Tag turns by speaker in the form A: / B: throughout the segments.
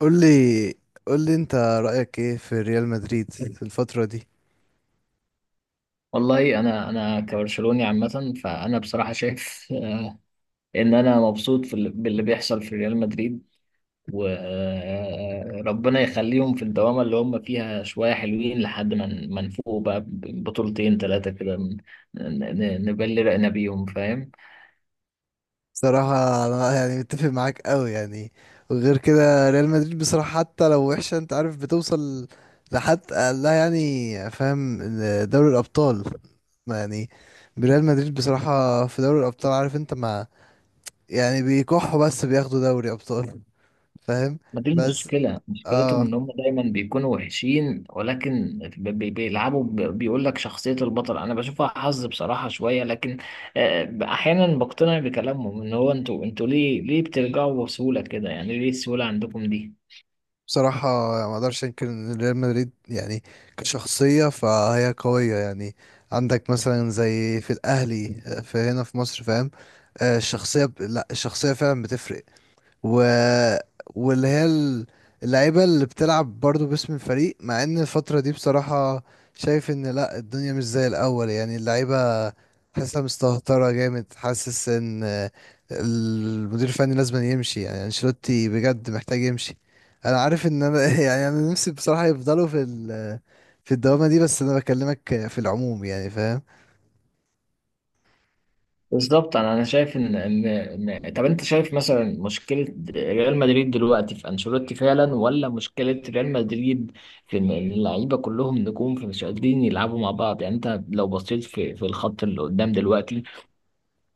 A: قول لي قول لي انت رأيك ايه في ريال مدريد في الفترة دي.
B: والله انا كبرشلوني عامه، فانا بصراحه شايف ان انا مبسوط باللي بيحصل في ريال مدريد. وربنا يخليهم في الدوامه اللي هم فيها شويه، حلوين لحد ما ما نفوق بقى بطولتين ثلاثه كده، نبلي رقنا بيهم، فاهم؟
A: بصراحة انا يعني متفق معاك قوي يعني. وغير كده ريال مدريد بصراحة حتى لو وحشة انت عارف بتوصل لحد، لا يعني فاهم، دوري الأبطال، ما يعني ريال مدريد بصراحة في دوري الأبطال عارف انت، ما يعني بيكحوا بس بياخدوا دوري أبطال. فاهم؟
B: ما دي
A: بس
B: المشكلة، مشكلتهم
A: اه،
B: إن هم دايما بيكونوا وحشين، ولكن بيلعبوا، بيقول لك شخصية البطل، أنا بشوفها حظ بصراحة شوية. لكن أحيانا بقتنع بكلامهم، إن هو أنتوا ليه بترجعوا بسهولة كده؟ يعني ليه السهولة عندكم دي؟
A: بصراحة ما اقدرش انكر ان ريال مدريد يعني كشخصية فهي قوية يعني. عندك مثلا زي في الاهلي، في هنا في مصر، فاهم. الشخصية لا الشخصية فعلا بتفرق. و... واللي هي ال- اللعيبة اللي بتلعب برضو باسم الفريق، مع ان الفترة دي بصراحة شايف ان لا، الدنيا مش زي الاول، يعني اللعيبة حاسة مستهترة جامد، حاسس ان المدير الفني لازم يمشي، يعني انشيلوتي بجد محتاج يمشي. انا عارف ان انا يعني انا نفسي بصراحة يفضلوا في الدوامة دي، بس انا بكلمك في العموم يعني، فاهم.
B: بالظبط أنا شايف إن طب أنت شايف مثلا مشكلة ريال مدريد دلوقتي في أنشيلوتي فعلا، ولا مشكلة ريال مدريد في إن اللعيبة كلهم نجوم فمش قادرين يلعبوا مع بعض؟ يعني أنت لو بصيت في الخط اللي قدام دلوقتي،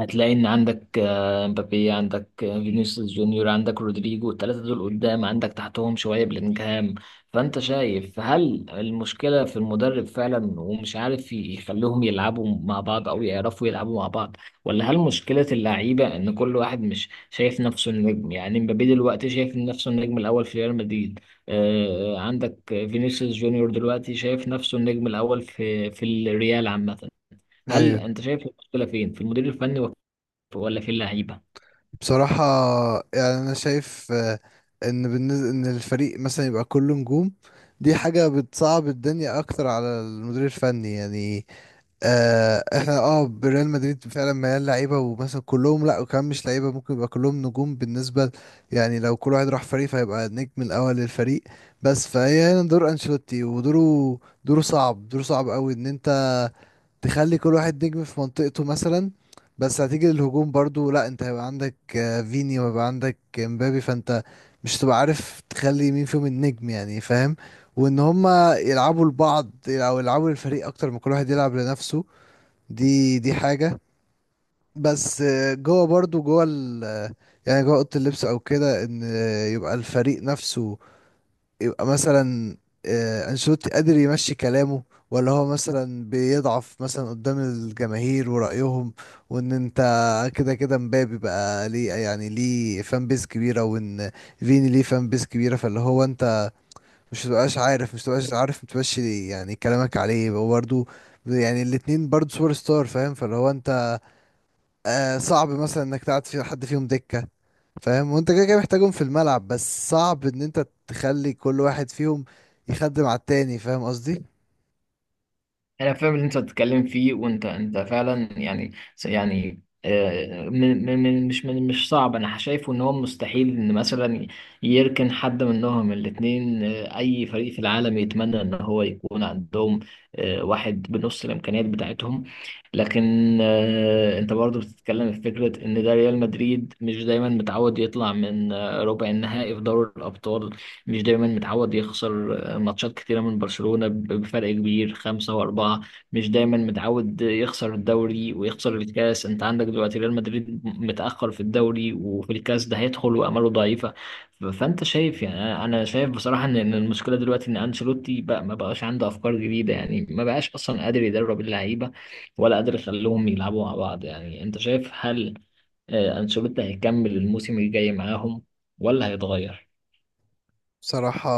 B: هتلاقي ان عندك مبابي، عندك فينيسيوس جونيور، عندك رودريجو. الثلاثه دول قدام، عندك تحتهم شويه بلينجهام. فانت شايف، هل المشكله في المدرب فعلا ومش عارف يخليهم يلعبوا مع بعض او يعرفوا يلعبوا مع بعض، ولا هل مشكله اللعيبه ان كل واحد مش شايف نفسه النجم؟ يعني مبابي دلوقتي شايف نفسه النجم الاول في ريال مدريد، عندك فينيسيوس جونيور دلوقتي شايف نفسه النجم الاول في الريال عامه. هل
A: ايوه،
B: انت شايف المشكله فين، في المدير الفني ولا في اللعيبه؟
A: بصراحة يعني أنا شايف إن بالنسبة إن الفريق مثلا يبقى كله نجوم، دي حاجة بتصعب الدنيا أكتر على المدير الفني يعني. آه إحنا أه بريال مدريد فعلا مليان لعيبة، ومثلا كلهم لأ، وكمان مش لعيبة ممكن يبقى كلهم نجوم بالنسبة يعني لو كل واحد راح فريق فهيبقى النجم الأول للفريق. بس فهي هنا دور أنشيلوتي، ودوره صعب، صعب أوي، إن أنت تخلي كل واحد نجم في منطقته مثلا. بس هتيجي للهجوم برضو، لا انت هيبقى عندك فيني، وهيبقى عندك مبابي، فانت مش هتبقى عارف تخلي مين فيهم النجم، يعني فاهم. وان هما يلعبوا لبعض او يلعبوا للفريق اكتر ما كل واحد يلعب لنفسه، دي حاجة. بس جوه برضو جوه ال آه، يعني جوه اوضه اللبس او كده، ان يبقى الفريق نفسه، يبقى مثلا انشيلوتي قادر يمشي كلامه، ولا هو مثلا بيضعف مثلا قدام الجماهير ورأيهم. وان انت كده كده مبابي بقى ليه يعني ليه فان بيز كبيرة، وان فيني ليه فان بيز كبيرة، فاللي هو انت مش تبقاش عارف متمشي يعني كلامك عليه، هو برضه يعني الاتنين برضه سوبر ستار، فاهم. فاللي هو انت آه صعب مثلا انك تقعد في حد فيهم دكة، فاهم، وانت كده كده محتاجهم في الملعب، بس صعب ان انت تخلي كل واحد فيهم يخدم على التاني، فاهم قصدي.
B: انا فاهم اللي انت بتتكلم فيه، وانت فعلا يعني من من من- مش من مش صعب. انا شايفه ان هو مستحيل ان مثلا يركن حد منهم. الاثنين اي فريق في العالم يتمنى ان هو يكون عندهم واحد بنص الامكانيات بتاعتهم. لكن انت برضو بتتكلم في فكرة ان ده ريال مدريد مش دايما متعود يطلع من ربع النهائي في دوري الابطال، مش دايما متعود يخسر ماتشات كتيرة من برشلونة بفرق كبير، خمسة وأربعة. مش دايما متعود يخسر الدوري ويخسر الكاس. أنت عندك دلوقتي ريال مدريد متأخر في الدوري وفي الكاس، ده هيدخل وآماله ضعيفة. فأنت شايف، يعني أنا شايف بصراحة إن المشكلة دلوقتي إن أنشيلوتي بقى ما بقاش عنده أفكار جديدة، يعني ما بقاش أصلا قادر يدرب اللعيبة ولا قادر يخليهم يلعبوا مع بعض. يعني أنت شايف، هل أنشيلوتي هيكمل الموسم الجاي معاهم ولا هيتغير؟
A: بصراحة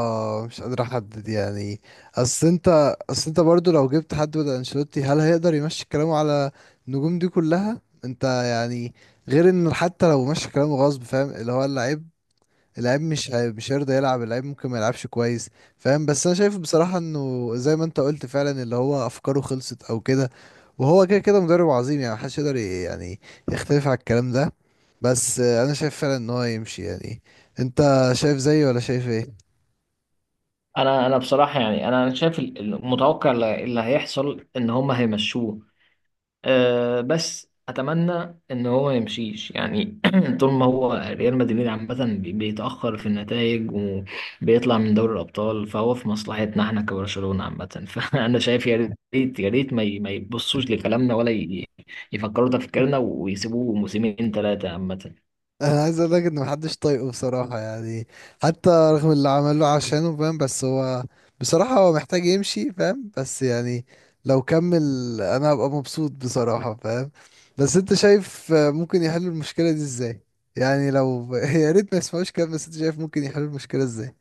A: مش قادر احدد يعني، اصل انت برضو لو جبت حد بدل انشيلوتي هل هيقدر يمشي كلامه على النجوم دي كلها، انت يعني غير ان حتى لو مشي كلامه غصب، فاهم، اللي هو اللعيبة، اللعيب مش هي- مش هيرضى يلعب، اللعيب ممكن ما يلعبش كويس، فاهم. بس انا شايف بصراحة انه زي ما انت قلت فعلا، اللي هو افكاره خلصت او كده، وهو كده كده مدرب عظيم يعني، محدش يقدر يعني يختلف على الكلام ده، بس انا شايف فعلا ان هو يمشي يعني. انت شايف زيي ولا شايف
B: انا بصراحه يعني انا شايف المتوقع اللي هيحصل، ان هم هيمشوه. أه، بس اتمنى ان هو ما يمشيش يعني. طول ما هو ريال مدريد عامه بيتاخر في النتائج وبيطلع من دوري الابطال، فهو في مصلحتنا احنا كبرشلونه عامه. فانا شايف يا ريت يا ريت ما يبصوش
A: ايه؟
B: لكلامنا، ولا يفكروا تفكيرنا ويسيبوه موسمين ثلاثه عامه.
A: انا عايز اقول لك ان محدش طايقه بصراحه يعني، حتى رغم اللي عمله عشانه، فاهم، بس هو بصراحه هو محتاج يمشي، فاهم، بس يعني لو كمل انا هبقى مبسوط بصراحه، فاهم. بس انت شايف ممكن يحلوا المشكله دي ازاي؟ يعني لو يا ريت ما يسمعوش كلام، بس انت شايف ممكن يحلوا المشكله ازاي؟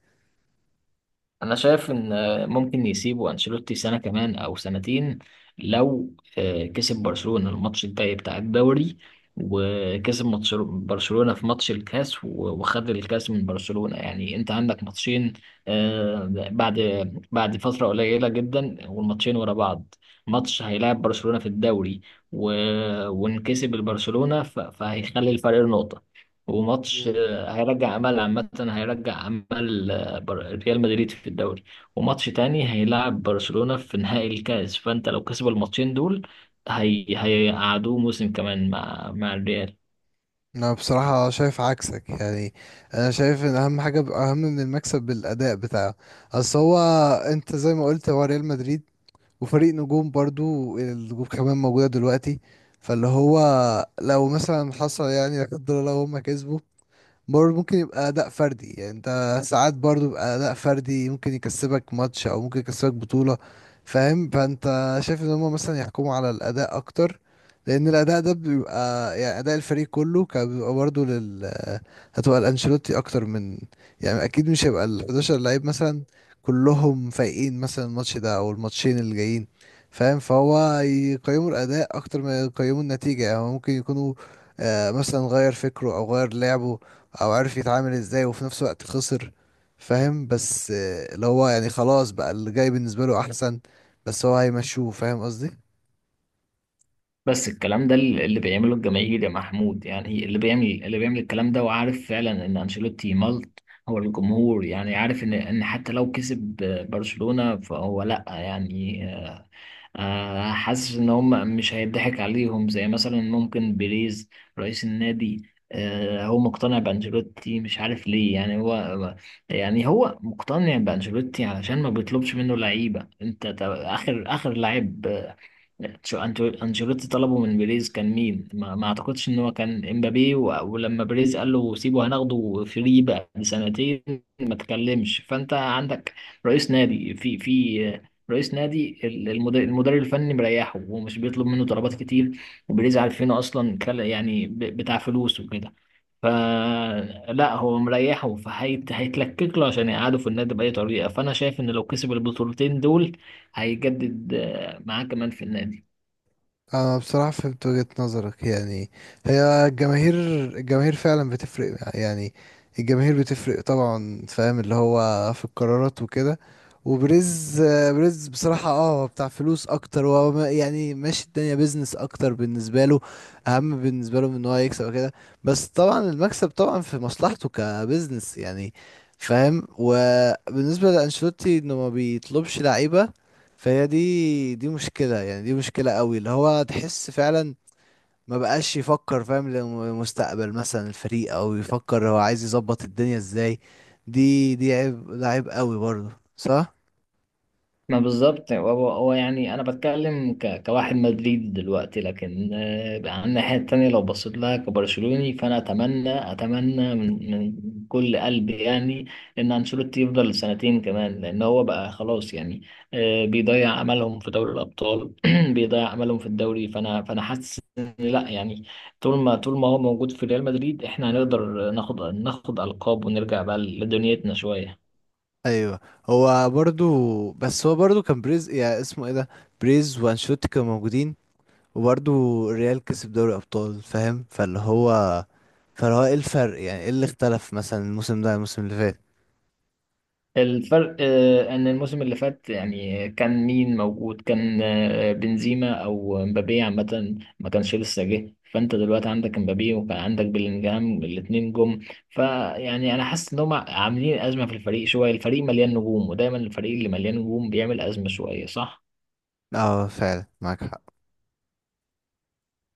B: انا شايف ان ممكن يسيبوا انشيلوتي سنه كمان او سنتين، لو كسب برشلونه الماتش الجاي بتاع الدوري، وكسب ماتش برشلونه في ماتش الكاس وخد الكاس من برشلونه. يعني انت عندك ماتشين آه، بعد بعد فتره قليله جدا، والماتشين ورا بعض. ماتش هيلاعب برشلونه في الدوري وانكسب البرشلونه فهيخلي الفرق نقطه، وماتش
A: مم.
B: هيرجع امل عامه، هيرجع امل بر- ريال مدريد في الدوري. وماتش تاني هيلعب برشلونة في نهائي الكاس. فانت لو كسب الماتشين دول، هي هيقعدوه موسم كمان مع الريال.
A: انا بصراحة شايف عكسك يعني، انا شايف ان اهم حاجة اهم من المكسب بالاداء بتاعه. اصل هو، انت زي ما قلت، هو ريال مدريد وفريق نجوم، برضو النجوم كمان موجودة دلوقتي. فاللي هو لو مثلا حصل يعني، لا قدر الله، هم كسبوا، برضه ممكن يبقى أداء فردي، يعني أنت ساعات برضه يبقى أداء فردي ممكن يكسبك ماتش أو ممكن يكسبك بطولة، فاهم. فأنت شايف إن هما مثلا يحكموا على الأداء أكتر، لأن الأداء ده بيبقى يعني أداء الفريق كله، كان بيبقى برضه لل، هتبقى الأنشيلوتي أكتر من، يعني أكيد مش هيبقى ال 11 لعيب مثلا كلهم فايقين مثلا الماتش ده أو الماتشين اللي جايين، فاهم. فهو يقيموا الأداء أكتر ما يقيموا النتيجة، يعني هو ممكن يكونوا مثلا غير فكره او غير لعبه، او عارف يتعامل ازاي، وفي نفس الوقت خسر، فاهم. بس اللي هو يعني خلاص بقى، اللي جاي بالنسبة له احسن، بس هو هيمشوه، فاهم قصدي.
B: بس الكلام ده اللي بيعمله الجماهير يا محمود، يعني اللي بيعمل الكلام ده وعارف فعلا ان انشيلوتي ملط. هو الجمهور يعني عارف ان حتى لو كسب برشلونة، فهو لا يعني حاسس ان هم مش هيضحك عليهم زي مثلا ممكن بيريز رئيس النادي. هو مقتنع بانشيلوتي مش عارف ليه، يعني هو مقتنع بانشيلوتي علشان ما بيطلبش منه لعيبه. انت اخر لعيب انشيلوتي طلبه من بيريز كان مين؟ ما اعتقدش ان هو كان امبابي، ولما بيريز قال له سيبه هناخده فري بقى بسنتين، ما تكلمش. فانت عندك رئيس نادي في في رئيس نادي المدير الفني مريحه ومش بيطلب منه طلبات كتير. وبيريز عارفينه اصلا، يعني بتاع فلوس وكده. فلا هو مريحه، فهيت هيتلكك له عشان يقعده في النادي بأي طريقة. فأنا شايف إن لو كسب البطولتين دول، هيجدد معاه كمان في النادي.
A: انا بصراحة فهمت وجهة نظرك يعني، هي الجماهير، فعلا بتفرق يعني، الجماهير بتفرق طبعا، فاهم، اللي هو في القرارات وكده. وبريز، بريز بصراحة اه بتاع فلوس اكتر، وهو يعني ماشي الدنيا بيزنس اكتر بالنسبة له، اهم بالنسبة له من ان هو يكسب وكده، بس طبعا المكسب طبعا في مصلحته كبزنس يعني، فاهم. وبالنسبة لأنشيلوتي انه ما بيطلبش لعيبة، فهي دي مشكلة يعني، دي مشكلة قوي، اللي هو تحس فعلا ما بقاش يفكر، فاهم، لمستقبل مثلا الفريق، او يفكر هو عايز يظبط الدنيا ازاي، دي عيب، ده عيب قوي برضه، صح.
B: ما بالظبط هو يعني، انا بتكلم كواحد مدريد دلوقتي، لكن على الناحيه التانيه لو بصيت لها كبرشلوني، فانا اتمنى من كل قلبي يعني ان انشيلوتي يفضل سنتين كمان، لان هو بقى خلاص يعني بيضيع املهم في دوري الابطال. بيضيع املهم في الدوري، فانا حاسس ان لا يعني، طول ما هو موجود في ريال مدريد، احنا هنقدر ناخد القاب ونرجع بقى لدنيتنا شويه.
A: ايوه، هو برضه، بس هو برضه كان بريز يعني اسمه ايه ده، بريز وانشوتي كانوا موجودين، وبرضه الريال كسب دوري ابطال، فاهم. فاللي هو، ايه الفرق يعني، ايه اللي اختلف مثلا الموسم ده عن الموسم اللي فات؟
B: الفرق ان الموسم اللي فات، يعني كان مين موجود، كان بنزيما او مبابي عامه ما كانش لسه جه. فانت دلوقتي عندك مبابي وكان عندك بيلينجهام، الاتنين جم. فيعني انا حاسس ان هم عاملين ازمه في الفريق شويه، الفريق مليان نجوم، ودايما الفريق اللي مليان نجوم بيعمل ازمه شويه، صح؟
A: اه فعلا معاك حق.